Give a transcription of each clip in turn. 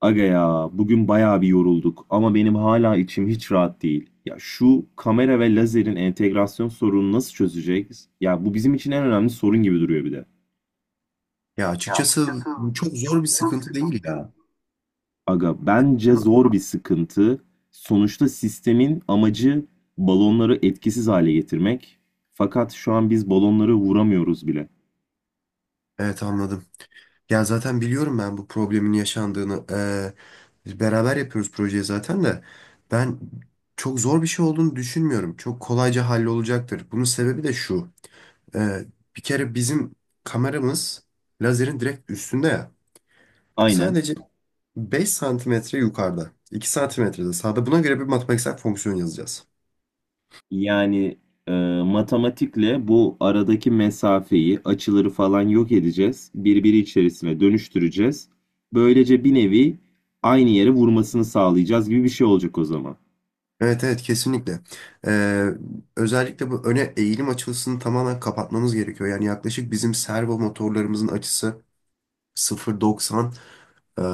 Aga ya bugün bayağı bir yorulduk ama benim hala içim hiç rahat değil. Ya şu kamera ve lazerin entegrasyon sorununu nasıl çözeceğiz? Ya bu bizim için en önemli sorun gibi duruyor bir de. Ya açıkçası çok zor bir sıkıntı değil ya. Aga bence Bunu- zor bir sıkıntı. Sonuçta sistemin amacı balonları etkisiz hale getirmek. Fakat şu an biz balonları vuramıyoruz bile. Evet, anladım. Ya zaten biliyorum ben bu problemin yaşandığını. Biz beraber yapıyoruz projeyi zaten de. Ben çok zor bir şey olduğunu düşünmüyorum. Çok kolayca hallolacaktır. Bunun sebebi de şu. Ee, Bir kere bizim kameramız lazerin direkt üstünde ya. Aynen. Sadece 5 santimetre yukarıda. 2 santimetrede sağda. Buna göre bir matematiksel fonksiyon yazacağız. Yani e, matematikle bu aradaki mesafeyi, açıları falan yok edeceğiz. Birbiri içerisine dönüştüreceğiz. Böylece bir nevi aynı yere vurmasını sağlayacağız gibi bir şey olacak o zaman. Evet, evet, kesinlikle. Ee, Özellikle bu öne eğilim açısını tamamen kapatmamız gerekiyor. Yani yaklaşık bizim servo motorlarımızın açısı 0.90 eee,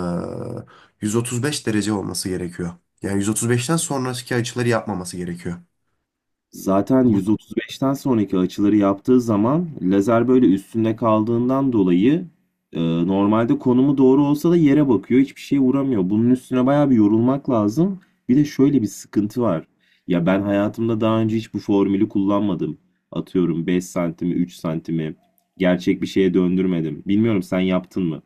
135 derece olması gerekiyor. Yani 135'ten sonraki açıları yapmaması gerekiyor. Zaten Bu, 135'ten sonraki açıları yaptığı zaman lazer böyle üstünde kaldığından dolayı e, normalde konumu doğru olsa da yere bakıyor. Hiçbir şeye vuramıyor. Bunun üstüne bayağı bir yorulmak lazım. Bir de şöyle bir sıkıntı var. Ya ben hayatımda daha önce hiç bu formülü kullanmadım. Atıyorum 5 santimi, 3 santimi gerçek bir şeye döndürmedim. Bilmiyorum sen yaptın mı?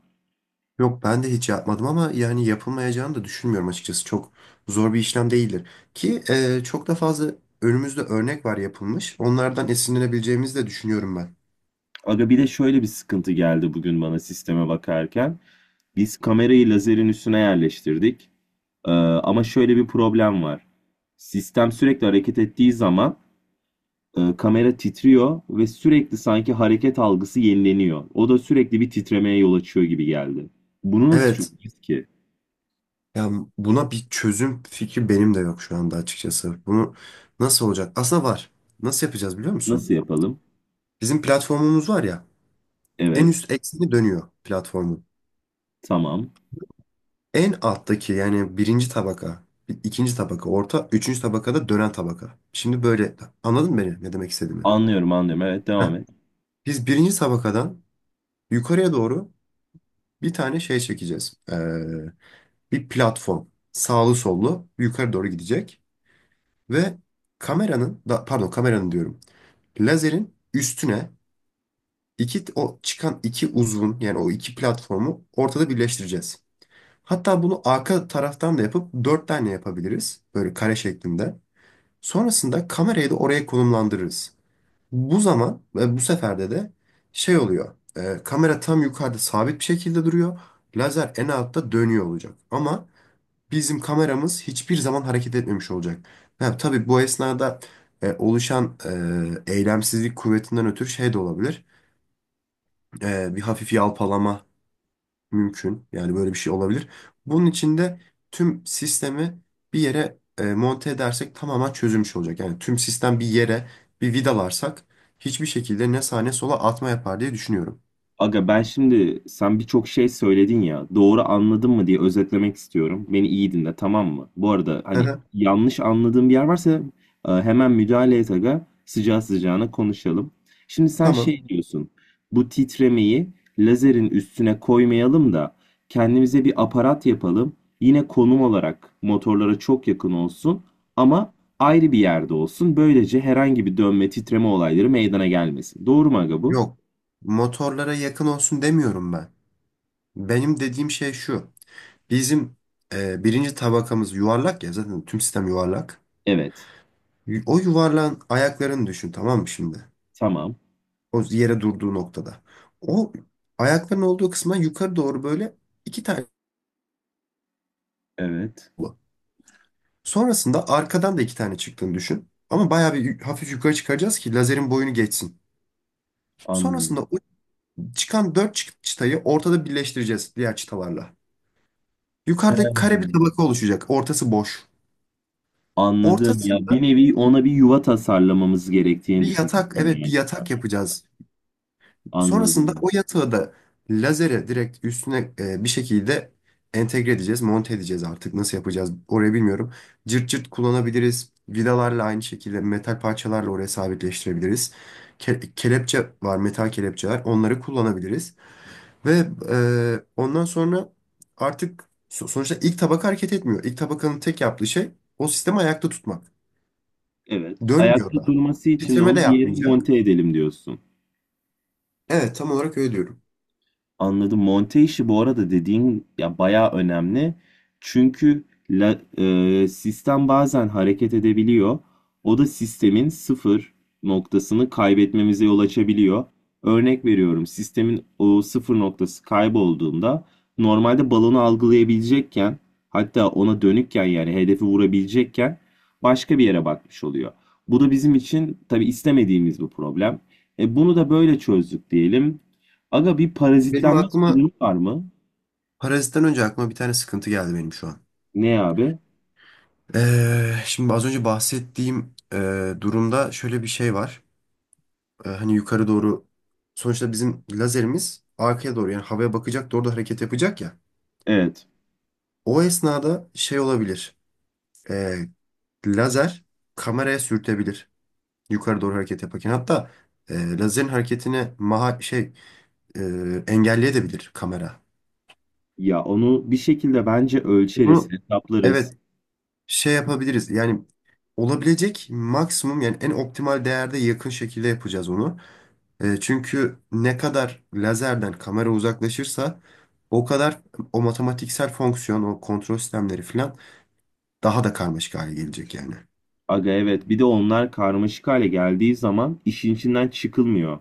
Yok, ben de hiç yapmadım ama yani yapılmayacağını da düşünmüyorum açıkçası. Çok zor bir işlem değildir. Ki çok da fazla önümüzde örnek var yapılmış. Onlardan esinlenebileceğimizi de düşünüyorum ben. Aga bir de şöyle bir sıkıntı geldi bugün bana sisteme bakarken. Biz kamerayı lazerin üstüne yerleştirdik. Ama şöyle bir problem var. Sistem sürekli hareket ettiği zaman kamera titriyor ve sürekli sanki hareket algısı yenileniyor. O da sürekli bir titremeye yol açıyor gibi geldi. Bunu nasıl Evet. çözeceğiz ki? Ya buna bir çözüm fikri benim de yok şu anda açıkçası. Bunu nasıl olacak? Aslında var. Nasıl yapacağız biliyor musun? Nasıl yapalım? Bizim platformumuz var ya. En Evet, üst ekseni dönüyor platformun. tamam. En alttaki yani birinci tabaka, ikinci tabaka, orta, üçüncü tabakada dönen tabaka. Şimdi böyle anladın mı beni ne demek istediğimi? Anlıyorum, anlıyorum. Evet, Heh. devam et. Biz birinci tabakadan yukarıya doğru bir tane şey çekeceğiz. Bir platform. Sağlı sollu yukarı doğru gidecek. Ve kameranın, da, pardon, kameranın diyorum. Lazerin üstüne iki o çıkan iki uzvun yani o iki platformu ortada birleştireceğiz. Hatta bunu arka taraftan da yapıp dört tane yapabiliriz. Böyle kare şeklinde. Sonrasında kamerayı da oraya konumlandırırız. Bu zaman ve bu seferde de şey oluyor. Kamera tam yukarıda sabit bir şekilde duruyor. Lazer en altta dönüyor olacak. Ama bizim kameramız hiçbir zaman hareket etmemiş olacak. Ha, tabii bu esnada oluşan eylemsizlik kuvvetinden ötürü şey de olabilir. Bir hafif yalpalama mümkün. Yani böyle bir şey olabilir. Bunun için de tüm sistemi bir yere monte edersek tamamen çözülmüş olacak. Yani tüm sistem bir yere bir vidalarsak hiçbir şekilde ne sağa ne sola atma yapar diye düşünüyorum. Aga ben şimdi sen birçok şey söyledin ya doğru anladın mı diye özetlemek istiyorum. Beni iyi dinle tamam mı? Bu arada Hı hani hı. yanlış anladığım bir yer varsa hemen müdahale et aga sıcağı sıcağına konuşalım. Şimdi sen Tamam. şey diyorsun bu titremeyi lazerin üstüne koymayalım da kendimize bir aparat yapalım. Yine konum olarak motorlara çok yakın olsun ama ayrı bir yerde olsun. Böylece herhangi bir dönme titreme olayları meydana gelmesin. Doğru mu aga bu? Yok. Motorlara yakın olsun demiyorum ben. Benim dediğim şey şu. Bizim birinci tabakamız yuvarlak ya, zaten tüm sistem yuvarlak. Evet. O yuvarlağın ayaklarını düşün, tamam mı şimdi? Tamam. O yere durduğu noktada. O ayakların olduğu kısma yukarı doğru böyle iki tane Evet. bu. Sonrasında arkadan da iki tane çıktığını düşün. Ama bayağı bir hafif yukarı çıkaracağız ki lazerin boyunu geçsin. Sonrasında Anladım. o çıkan dört çıtayı ortada birleştireceğiz diğer çıtalarla. Yukarıda kare bir He. tabaka oluşacak. Ortası boş. Anladım. Ya bir Ortasından nevi ona bir yuva tasarlamamız gerektiğini bir düşünüyorsun yatak, evet, bir yani sen. yatak yapacağız. Sonrasında Anladım. o yatağı da lazere direkt üstüne bir şekilde entegre edeceğiz, monte edeceğiz artık. Nasıl yapacağız orayı bilmiyorum. Cırt cırt kullanabiliriz. Vidalarla aynı şekilde metal parçalarla oraya sabitleştirebiliriz. Kelepçe var, metal kelepçeler. Onları kullanabiliriz. Ve ondan sonra artık sonuçta ilk tabaka hareket etmiyor. İlk tabakanın tek yaptığı şey o sistemi ayakta tutmak. Evet. Dönmüyor Ayakta da. durması için de Titreme de onu bir yere yapmayacak. monte edelim diyorsun. Evet, tam olarak öyle diyorum. Anladım. Monte işi bu arada dediğin ya bayağı önemli. Çünkü sistem bazen hareket edebiliyor. O da sistemin sıfır noktasını kaybetmemize yol açabiliyor. Örnek veriyorum. Sistemin o sıfır noktası kaybolduğunda normalde balonu algılayabilecekken hatta ona dönükken yani hedefi vurabilecekken başka bir yere bakmış oluyor. Bu da bizim için tabii istemediğimiz bir problem. Bunu da böyle çözdük diyelim. Aga bir Benim parazitlenme aklıma sorunu var mı? Parazitten önce aklıma bir tane sıkıntı geldi benim şu an. Ne abi? Şimdi az önce bahsettiğim durumda şöyle bir şey var. Hani yukarı doğru sonuçta bizim lazerimiz arkaya doğru yani havaya bakacak doğru da hareket yapacak ya. Evet. O esnada şey olabilir. Ee, Lazer kameraya sürtebilir yukarı doğru hareket yaparken. Hatta lazerin hareketini maha şey e, engelleyebilir kamera. Ya onu bir şekilde bence ölçeriz, Bunu evet hesaplarız. şey yapabiliriz. Yani olabilecek maksimum yani en optimal değerde yakın şekilde yapacağız onu. Çünkü ne kadar lazerden kamera uzaklaşırsa o kadar o matematiksel fonksiyon, o kontrol sistemleri falan daha da karmaşık hale gelecek yani. Aga evet bir de onlar karmaşık hale geldiği zaman işin içinden çıkılmıyor.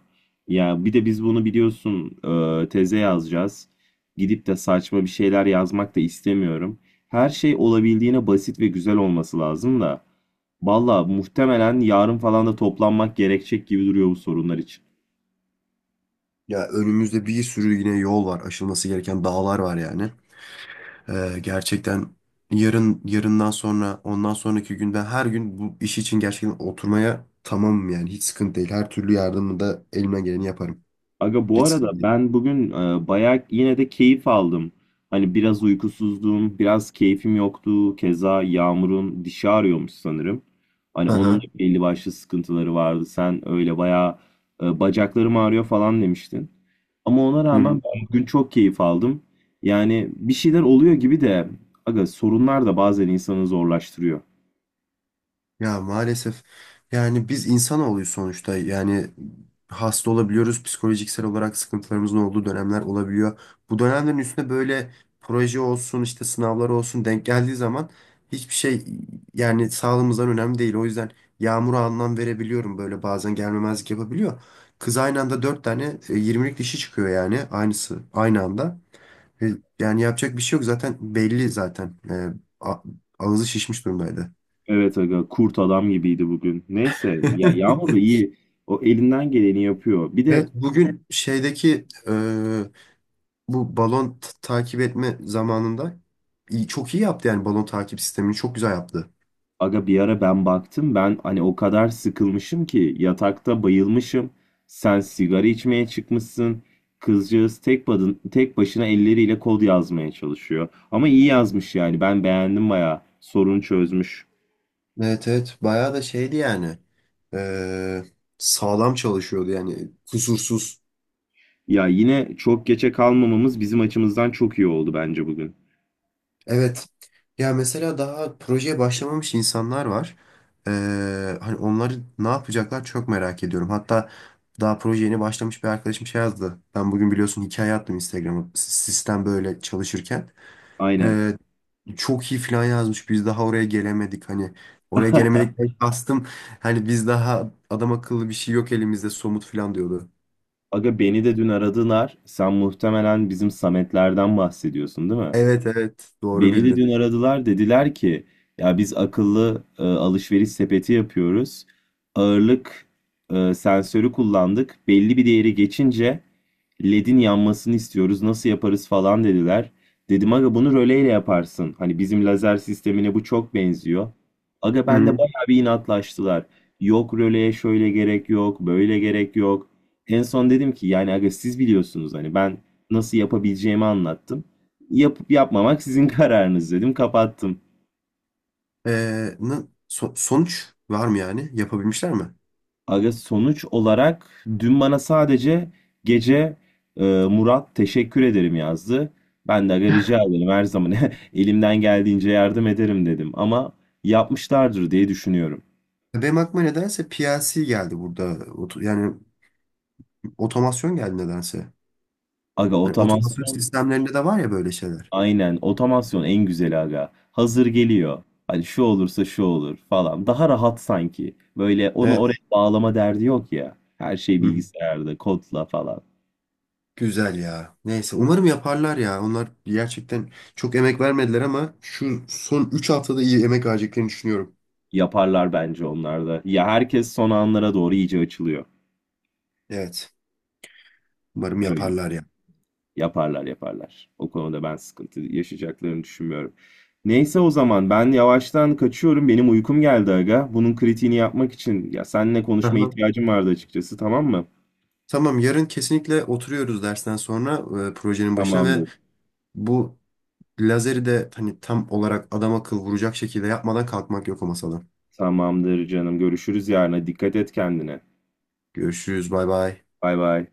Ya bir de biz bunu biliyorsun teze yazacağız. Gidip de saçma bir şeyler yazmak da istemiyorum. Her şey olabildiğine basit ve güzel olması lazım da. Valla muhtemelen yarın falan da toplanmak gerekecek gibi duruyor bu sorunlar için. Ya önümüzde bir sürü yine yol var, aşılması gereken dağlar var yani. Gerçekten yarın yarından sonra ondan sonraki gün ben her gün bu iş için gerçekten oturmaya tamamım yani hiç sıkıntı değil. Her türlü yardımı da elimden geleni yaparım. Aga bu Hiç sıkıntı arada değil. ben bugün bayağı yine de keyif aldım. Hani biraz uykusuzdum, biraz keyfim yoktu. Keza Yağmur'un dişi ağrıyormuş sanırım. Hani Hı onun da hı. belli başlı sıkıntıları vardı. Sen öyle bayağı bacaklarım ağrıyor falan demiştin. Ama ona Hı hı. rağmen ben bugün çok keyif aldım. Yani bir şeyler oluyor gibi de aga sorunlar da bazen insanı zorlaştırıyor. Ya maalesef yani biz insanoğluyuz sonuçta yani hasta olabiliyoruz psikolojiksel olarak sıkıntılarımızın olduğu dönemler olabiliyor. Bu dönemlerin üstüne böyle proje olsun işte sınavlar olsun denk geldiği zaman hiçbir şey yani sağlığımızdan önemli değil. O yüzden yağmura anlam verebiliyorum böyle bazen gelmemezlik yapabiliyor. Kız aynı anda dört tane 20'lik dişi çıkıyor yani aynısı aynı anda. E, Yani yapacak bir şey yok zaten belli zaten. A- Ağzı şişmiş durumdaydı. Evet aga kurt adam gibiydi bugün. Neyse ya Yağmur da iyi. O elinden geleni yapıyor. Bir de Evet bugün şeydeki bu balon takip etme zamanında iyi, çok iyi yaptı yani balon takip sistemini çok güzel yaptı. aga bir ara ben baktım ben hani o kadar sıkılmışım ki yatakta bayılmışım. Sen sigara içmeye çıkmışsın. Kızcağız tek, badın, tek başına elleriyle kod yazmaya çalışıyor. Ama iyi yazmış yani ben beğendim bayağı. Sorunu çözmüş. Evet, evet, bayağı da şeydi yani e, sağlam çalışıyordu yani kusursuz. Ya yine çok geçe kalmamamız bizim açımızdan çok iyi oldu bence bugün. Evet ya, mesela daha projeye başlamamış insanlar var. E, Hani onları ne yapacaklar çok merak ediyorum. Hatta daha proje yeni başlamış bir arkadaşım şey yazdı. Ben bugün biliyorsun hikaye attım Instagram'a sistem böyle çalışırken. Aynen. Ee, Çok iyi falan yazmış. Biz daha oraya gelemedik hani. Oraya gelemedikten kastım. Hani biz daha adam akıllı bir şey yok elimizde somut falan diyordu. Aga beni de dün aradılar. Sen muhtemelen bizim Sametlerden bahsediyorsun değil mi? Evet, evet, doğru Beni de bildin. dün aradılar dediler ki ya biz akıllı alışveriş sepeti yapıyoruz. Ağırlık sensörü kullandık. Belli bir değeri geçince LED'in yanmasını istiyoruz. Nasıl yaparız falan dediler. Dedim aga bunu röleyle yaparsın. Hani bizim lazer sistemine bu çok benziyor. Aga Hı ben de hı. bayağı bir inatlaştılar. Yok röleye şöyle gerek yok, böyle gerek yok. En son dedim ki yani aga siz biliyorsunuz hani ben nasıl yapabileceğimi anlattım. Yapıp yapmamak sizin kararınız dedim. Kapattım. Sonuç var mı yani? Yapabilmişler mi? Aga sonuç olarak dün bana sadece gece Murat teşekkür ederim yazdı. Ben de aga rica ederim her zaman elimden geldiğince yardım ederim dedim. Ama yapmışlardır diye düşünüyorum. Benim aklıma nedense PLC geldi burada. Yani otomasyon geldi nedense. Aga Hani otomasyon otomasyon sistemlerinde de var ya böyle şeyler. aynen otomasyon en güzeli aga. Hazır geliyor. Hani şu olursa şu olur falan. Daha rahat sanki. Böyle onu oraya Evet. bağlama derdi yok ya. Her şey Hı hı. bilgisayarda kodla falan. Güzel ya. Neyse umarım yaparlar ya. Onlar gerçekten çok emek vermediler ama şu son 3 haftada iyi emek vereceklerini düşünüyorum. Yaparlar bence onlar da. Ya herkes son anlara doğru iyice açılıyor. Evet. Umarım Öyle. Hmm. yaparlar ya. Yaparlar yaparlar. O konuda ben sıkıntı yaşayacaklarını düşünmüyorum. Neyse o zaman ben yavaştan kaçıyorum. Benim uykum geldi aga. Bunun kritiğini yapmak için ya seninle konuşmaya Aha. ihtiyacım vardı açıkçası tamam mı? Tamam, yarın kesinlikle oturuyoruz dersten sonra projenin başına ve Tamamdır. bu lazeri de hani tam olarak adam akıl vuracak şekilde yapmadan kalkmak yok o masadan. Tamamdır canım. Görüşürüz yarına. Dikkat et kendine. Görüşürüz, bay bay. Bay bay.